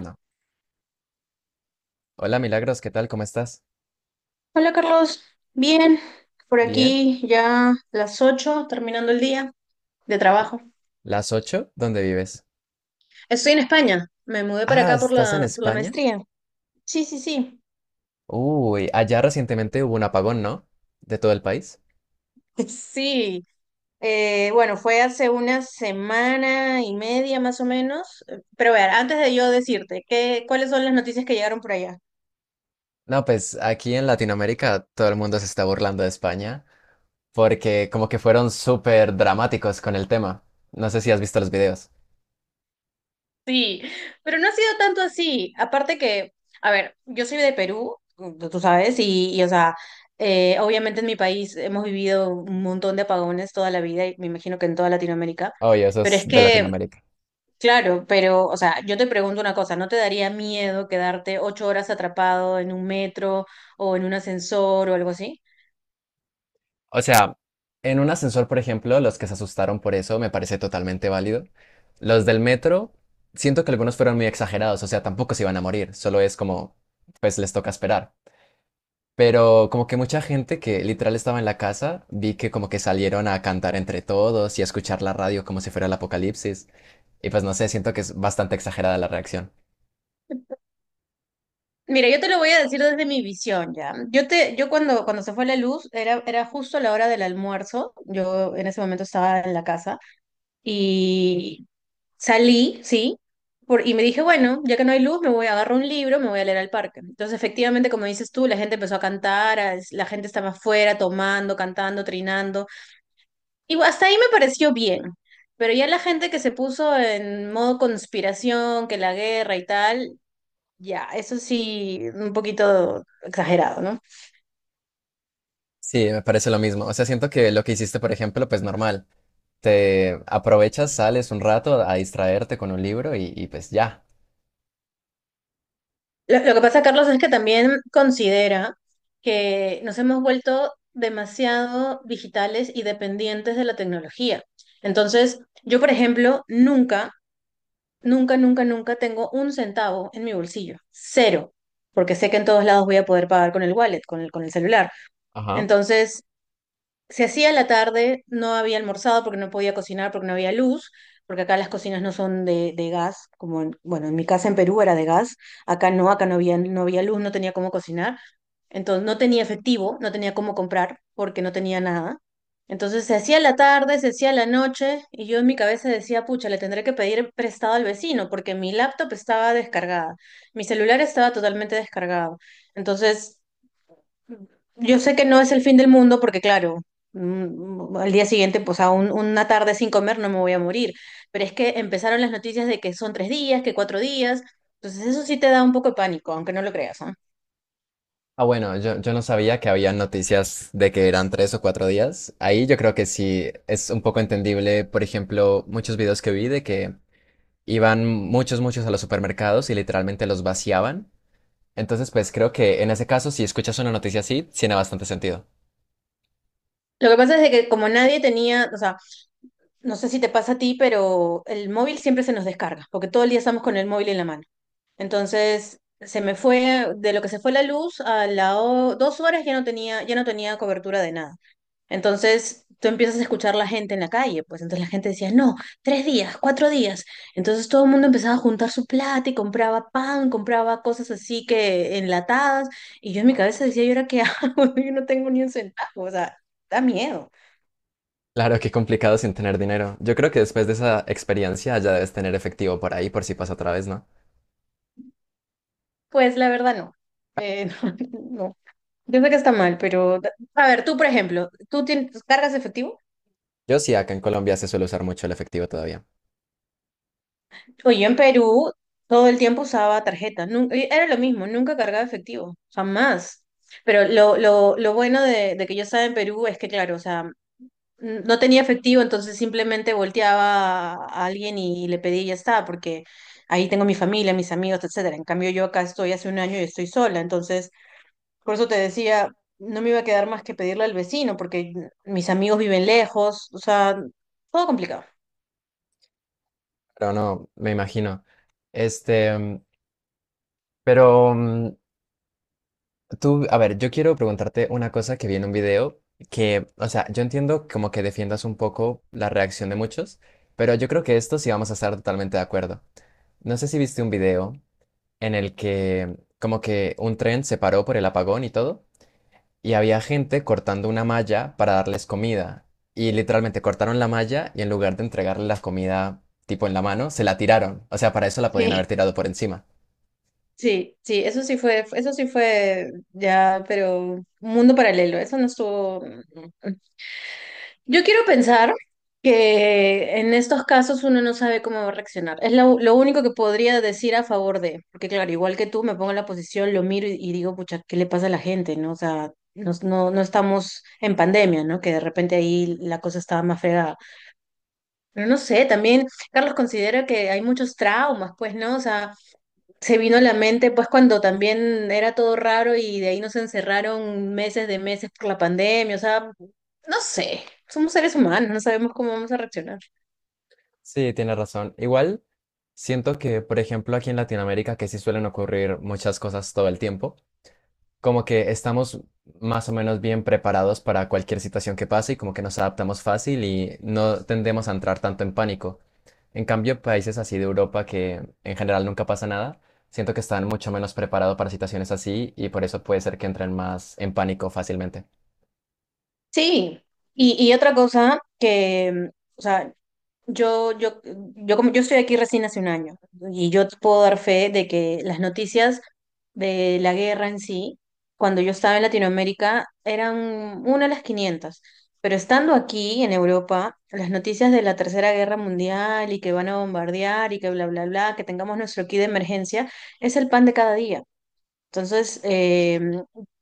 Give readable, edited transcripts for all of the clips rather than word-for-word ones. No. Hola Milagros, ¿qué tal? ¿Cómo estás? Hola Carlos, bien, por Bien. aquí ya las 8:00, terminando el día de trabajo. ¿Las 8. ¿Dónde vives? Estoy en España, me mudé para Ah, acá por ¿estás en la, por la España? maestría. Sí, sí, sí, Uy, allá recientemente hubo un apagón, ¿no? De todo el país. sí. Bueno, fue hace una semana y media más o menos, pero a ver, antes de yo decirte, ¿ cuáles son las noticias que llegaron por allá? No, pues aquí en Latinoamérica todo el mundo se está burlando de España porque como que fueron súper dramáticos con el tema. No sé si has visto los videos. Sí, pero no ha sido tanto así. Aparte que, a ver, yo soy de Perú. Tú sabes, y, o sea, obviamente en mi país hemos vivido un montón de apagones toda la vida y me imagino que en toda Latinoamérica. Oye, eso Pero es es de que, Latinoamérica. claro, pero, o sea, yo te pregunto una cosa, ¿no te daría miedo quedarte 8 horas atrapado en un metro o en un ascensor o algo así? O sea, en un ascensor, por ejemplo, los que se asustaron por eso me parece totalmente válido. Los del metro, siento que algunos fueron muy exagerados, o sea, tampoco se iban a morir, solo es como, pues les toca esperar. Pero como que mucha gente que literal estaba en la casa, vi que como que salieron a cantar entre todos y a escuchar la radio como si fuera el apocalipsis. Y pues no sé, siento que es bastante exagerada la reacción. Mira, yo te lo voy a decir desde mi visión ya. Yo cuando se fue la luz, era justo la hora del almuerzo. Yo en ese momento estaba en la casa. Y salí, sí, y me dije, bueno, ya que no hay luz, me voy a agarrar un libro, me voy a leer al parque. Entonces, efectivamente, como dices tú, la gente empezó a cantar, la gente estaba afuera tomando, cantando, trinando. Y hasta ahí me pareció bien. Pero ya la gente que se puso en modo conspiración, que la guerra y tal, ya, eso sí, un poquito exagerado, ¿no? Sí, me parece lo mismo. O sea, siento que lo que hiciste, por ejemplo, pues normal. Te aprovechas, sales un rato a distraerte con un libro y pues ya. Lo que pasa, Carlos, es que también considera que nos hemos vuelto demasiado digitales y dependientes de la tecnología. Entonces, yo, por ejemplo, nunca, nunca, nunca, nunca tengo un centavo en mi bolsillo. Cero. Porque sé que en todos lados voy a poder pagar con el wallet, con el celular. Ajá. Entonces, se hacía la tarde, no había almorzado porque no podía cocinar, porque no había luz, porque acá las cocinas no son de gas, como en, bueno, en mi casa en Perú era de gas, acá no, acá no había luz, no tenía cómo cocinar, entonces no tenía efectivo, no tenía cómo comprar porque no tenía nada. Entonces se hacía la tarde, se hacía la noche y yo en mi cabeza decía, pucha, le tendré que pedir prestado al vecino porque mi laptop estaba descargada, mi celular estaba totalmente descargado. Entonces yo sé que no es el fin del mundo porque, claro, al día siguiente, pues a una tarde sin comer no me voy a morir, pero es que empezaron las noticias de que son 3 días, que 4 días, entonces eso sí te da un poco de pánico, aunque no lo creas, ¿ah? Ah, bueno, yo no sabía que había noticias de que eran tres o cuatro días. Ahí yo creo que sí es un poco entendible, por ejemplo, muchos videos que vi de que iban muchos a los supermercados y literalmente los vaciaban. Entonces, pues creo que en ese caso, si escuchas una noticia así, tiene bastante sentido. Lo que pasa es de que como nadie tenía, o sea, no sé si te pasa a ti, pero el móvil siempre se nos descarga, porque todo el día estamos con el móvil en la mano. Entonces, se me fue, de lo que se fue la luz, a las 2 horas ya no tenía cobertura de nada. Entonces tú empiezas a escuchar la gente en la calle, pues entonces la gente decía, no, 3 días, 4 días. Entonces todo el mundo empezaba a juntar su plata y compraba pan, compraba cosas así que enlatadas. Y yo en mi cabeza decía, ¿y ahora qué hago? Yo no tengo ni un centavo, o sea, da miedo. Claro, qué complicado sin tener dinero. Yo creo que después de esa experiencia ya debes tener efectivo por ahí por si pasa otra vez, ¿no? Pues la verdad no. Eh, no, no. Yo sé que está mal, pero a ver, tú por ejemplo, ¿ cargas efectivo? Yo sí, acá en Colombia se suele usar mucho el efectivo todavía. Oye, en Perú todo el tiempo usaba tarjeta, era lo mismo, nunca cargaba efectivo, jamás. Pero lo bueno de que yo estaba en Perú es que, claro, o sea, no tenía efectivo, entonces simplemente volteaba a alguien y le pedía y ya está, porque ahí tengo mi familia, mis amigos, etcétera. En cambio, yo acá estoy hace un año y estoy sola, entonces por eso te decía, no me iba a quedar más que pedirle al vecino, porque mis amigos viven lejos, o sea, todo complicado. Pero no, me imagino. Este, mm, pero mm, a ver, yo quiero preguntarte una cosa que vi en un video que, o sea, yo entiendo como que defiendas un poco la reacción de muchos, pero yo creo que esto sí vamos a estar totalmente de acuerdo. No sé si viste un video en el que como que un tren se paró por el apagón y todo. Y había gente cortando una malla para darles comida. Y literalmente cortaron la malla y en lugar de entregarle la comida tipo en la mano, se la tiraron. O sea, para eso la podían haber Sí, tirado por encima. sí, sí, eso sí fue. Eso sí fue ya, pero un mundo paralelo, eso no estuvo. mm, Yo quiero pensar que en estos casos uno no sabe cómo va a reaccionar. Es lo único que podría decir a favor de, porque claro, igual que tú, me pongo en la posición, lo miro y digo, pucha, ¿qué le pasa a la gente? ¿No? O sea, no estamos en pandemia, ¿no? Que de repente ahí la cosa estaba más fregada. Pero no sé, también Carlos considera que hay muchos traumas, pues, ¿no? O sea, se vino a la mente pues cuando también era todo raro y de ahí nos encerraron meses de meses por la pandemia, o sea, no sé, somos seres humanos, no sabemos cómo vamos a reaccionar. Sí, tiene razón. Igual, siento que, por ejemplo, aquí en Latinoamérica, que sí suelen ocurrir muchas cosas todo el tiempo, como que estamos más o menos bien preparados para cualquier situación que pase y como que nos adaptamos fácil y no tendemos a entrar tanto en pánico. En cambio, países así de Europa que en general nunca pasa nada, siento que están mucho menos preparados para situaciones así y por eso puede ser que entren más en pánico fácilmente. Sí, y otra cosa que, o sea, Yo estoy aquí recién hace un año y yo te puedo dar fe de que las noticias de la guerra en sí, cuando yo estaba en Latinoamérica, eran una a las quinientas. Pero estando aquí en Europa, las noticias de la Tercera Guerra Mundial y que van a bombardear y que bla, bla, bla, que tengamos nuestro kit de emergencia, es el pan de cada día. Entonces,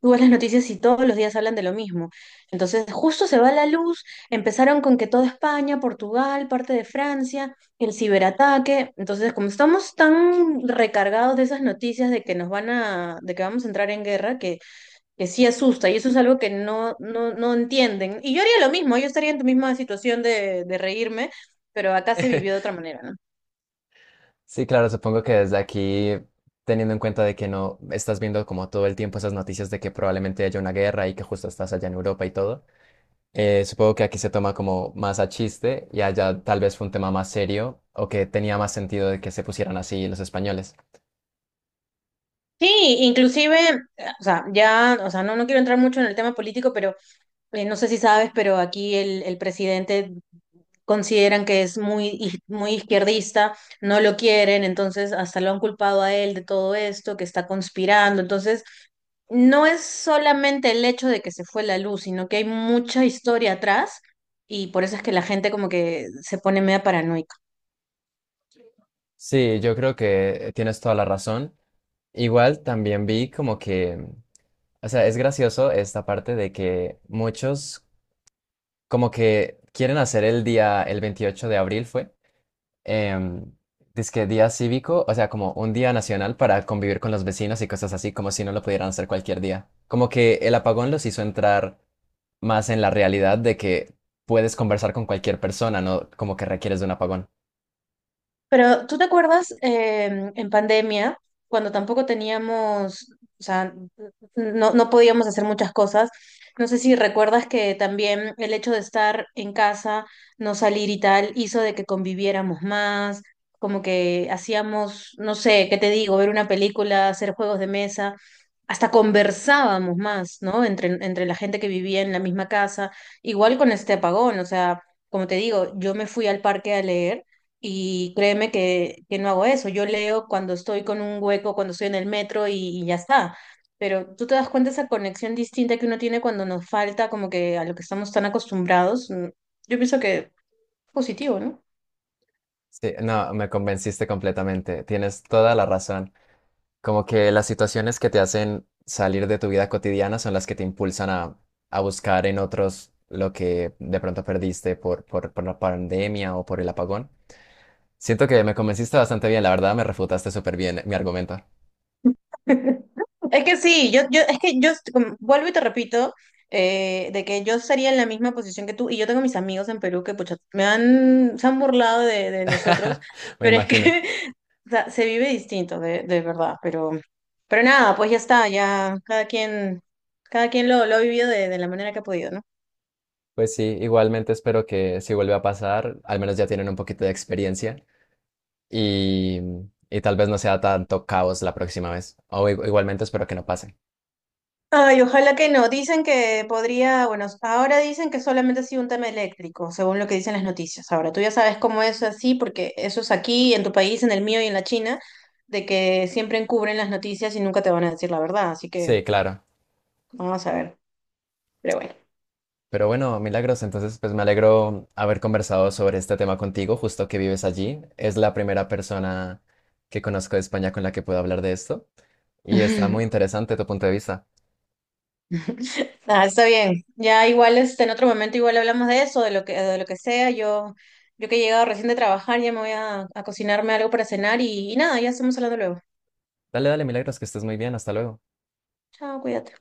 tú ves las noticias y todos los días hablan de lo mismo. Entonces, justo se va la luz, empezaron con que toda España, Portugal, parte de Francia, el ciberataque. Entonces, como estamos tan recargados de esas noticias de que nos van a, de que vamos a entrar en guerra, que sí asusta, y eso es algo que no, no, no entienden. Y yo haría lo mismo, yo estaría en tu misma situación de reírme, pero acá se vivió de otra manera, ¿no? Sí, claro, supongo que desde aquí, teniendo en cuenta de que no estás viendo como todo el tiempo esas noticias de que probablemente haya una guerra y que justo estás allá en Europa y todo, supongo que aquí se toma como más a chiste y allá tal vez fue un tema más serio o que tenía más sentido de que se pusieran así los españoles. Sí, inclusive, o sea, ya, o sea, no quiero entrar mucho en el tema político, pero no sé si sabes, pero aquí el presidente consideran que es muy izquierdista, no lo quieren, entonces hasta lo han culpado a él de todo esto, que está conspirando. Entonces, no es solamente el hecho de que se fue la luz, sino que hay mucha historia atrás y por eso es que la gente como que se pone media paranoica. Sí, yo creo que tienes toda la razón. Igual también vi como que, o sea, es gracioso esta parte de que muchos como que quieren hacer el día, el 28 de abril fue em, dizque día cívico, o sea, como un día nacional para convivir con los vecinos y cosas así, como si no lo pudieran hacer cualquier día. Como que el apagón los hizo entrar más en la realidad de que puedes conversar con cualquier persona, no como que requieres de un apagón. Pero ¿tú te acuerdas en pandemia, cuando tampoco teníamos, o sea, no podíamos hacer muchas cosas? No sé si recuerdas que también el hecho de estar en casa, no salir y tal, hizo de que conviviéramos más, como que hacíamos, no sé, ¿qué te digo? Ver una película, hacer juegos de mesa, hasta conversábamos más, ¿no? Entre la gente que vivía en la misma casa, igual con este apagón, o sea, como te digo, yo me fui al parque a leer. Y créeme que no hago eso. Yo leo cuando estoy con un hueco, cuando estoy en el metro y ya está. Pero tú te das cuenta esa conexión distinta que uno tiene cuando nos falta como que a lo que estamos tan acostumbrados. Yo pienso que es positivo, ¿no? Sí, no, me convenciste completamente, tienes toda la razón. Como que las situaciones que te hacen salir de tu vida cotidiana son las que te impulsan a buscar en otros lo que de pronto perdiste por la pandemia o por el apagón. Siento que me convenciste bastante bien, la verdad me refutaste súper bien mi argumento. Es que sí, yo, es que vuelvo y te repito, de que yo estaría en la misma posición que tú, y yo tengo mis amigos en Perú que pucha, me han, se han burlado de nosotros, Me pero es que imagino. o sea, se vive distinto, de verdad, pero nada, pues ya está, ya cada quien lo ha vivido de la manera que ha podido, ¿no? Pues sí, igualmente espero que si vuelve a pasar, al menos ya tienen un poquito de experiencia y, y tal vez no sea tanto caos la próxima vez. O igualmente espero que no pase. Ay, ojalá que no. Dicen que podría, bueno, ahora dicen que solamente ha sido un tema eléctrico, según lo que dicen las noticias. Ahora, tú ya sabes cómo es así, porque eso es aquí, en tu país, en el mío y en la China, de que siempre encubren las noticias y nunca te van a decir la verdad, así que Sí, claro. vamos a ver, pero bueno. Pero bueno, Milagros, entonces pues me alegro haber conversado sobre este tema contigo, justo que vives allí. Es la primera persona que conozco de España con la que puedo hablar de esto y está muy interesante tu punto de vista. Ah, está bien. Ya igual este, en otro momento igual hablamos de eso, de lo que sea. Yo que he llegado recién de trabajar, ya me voy a cocinarme algo para cenar y nada, ya estamos hablando luego. Dale, dale, Milagros, que estés muy bien. Hasta luego. Chao, cuídate.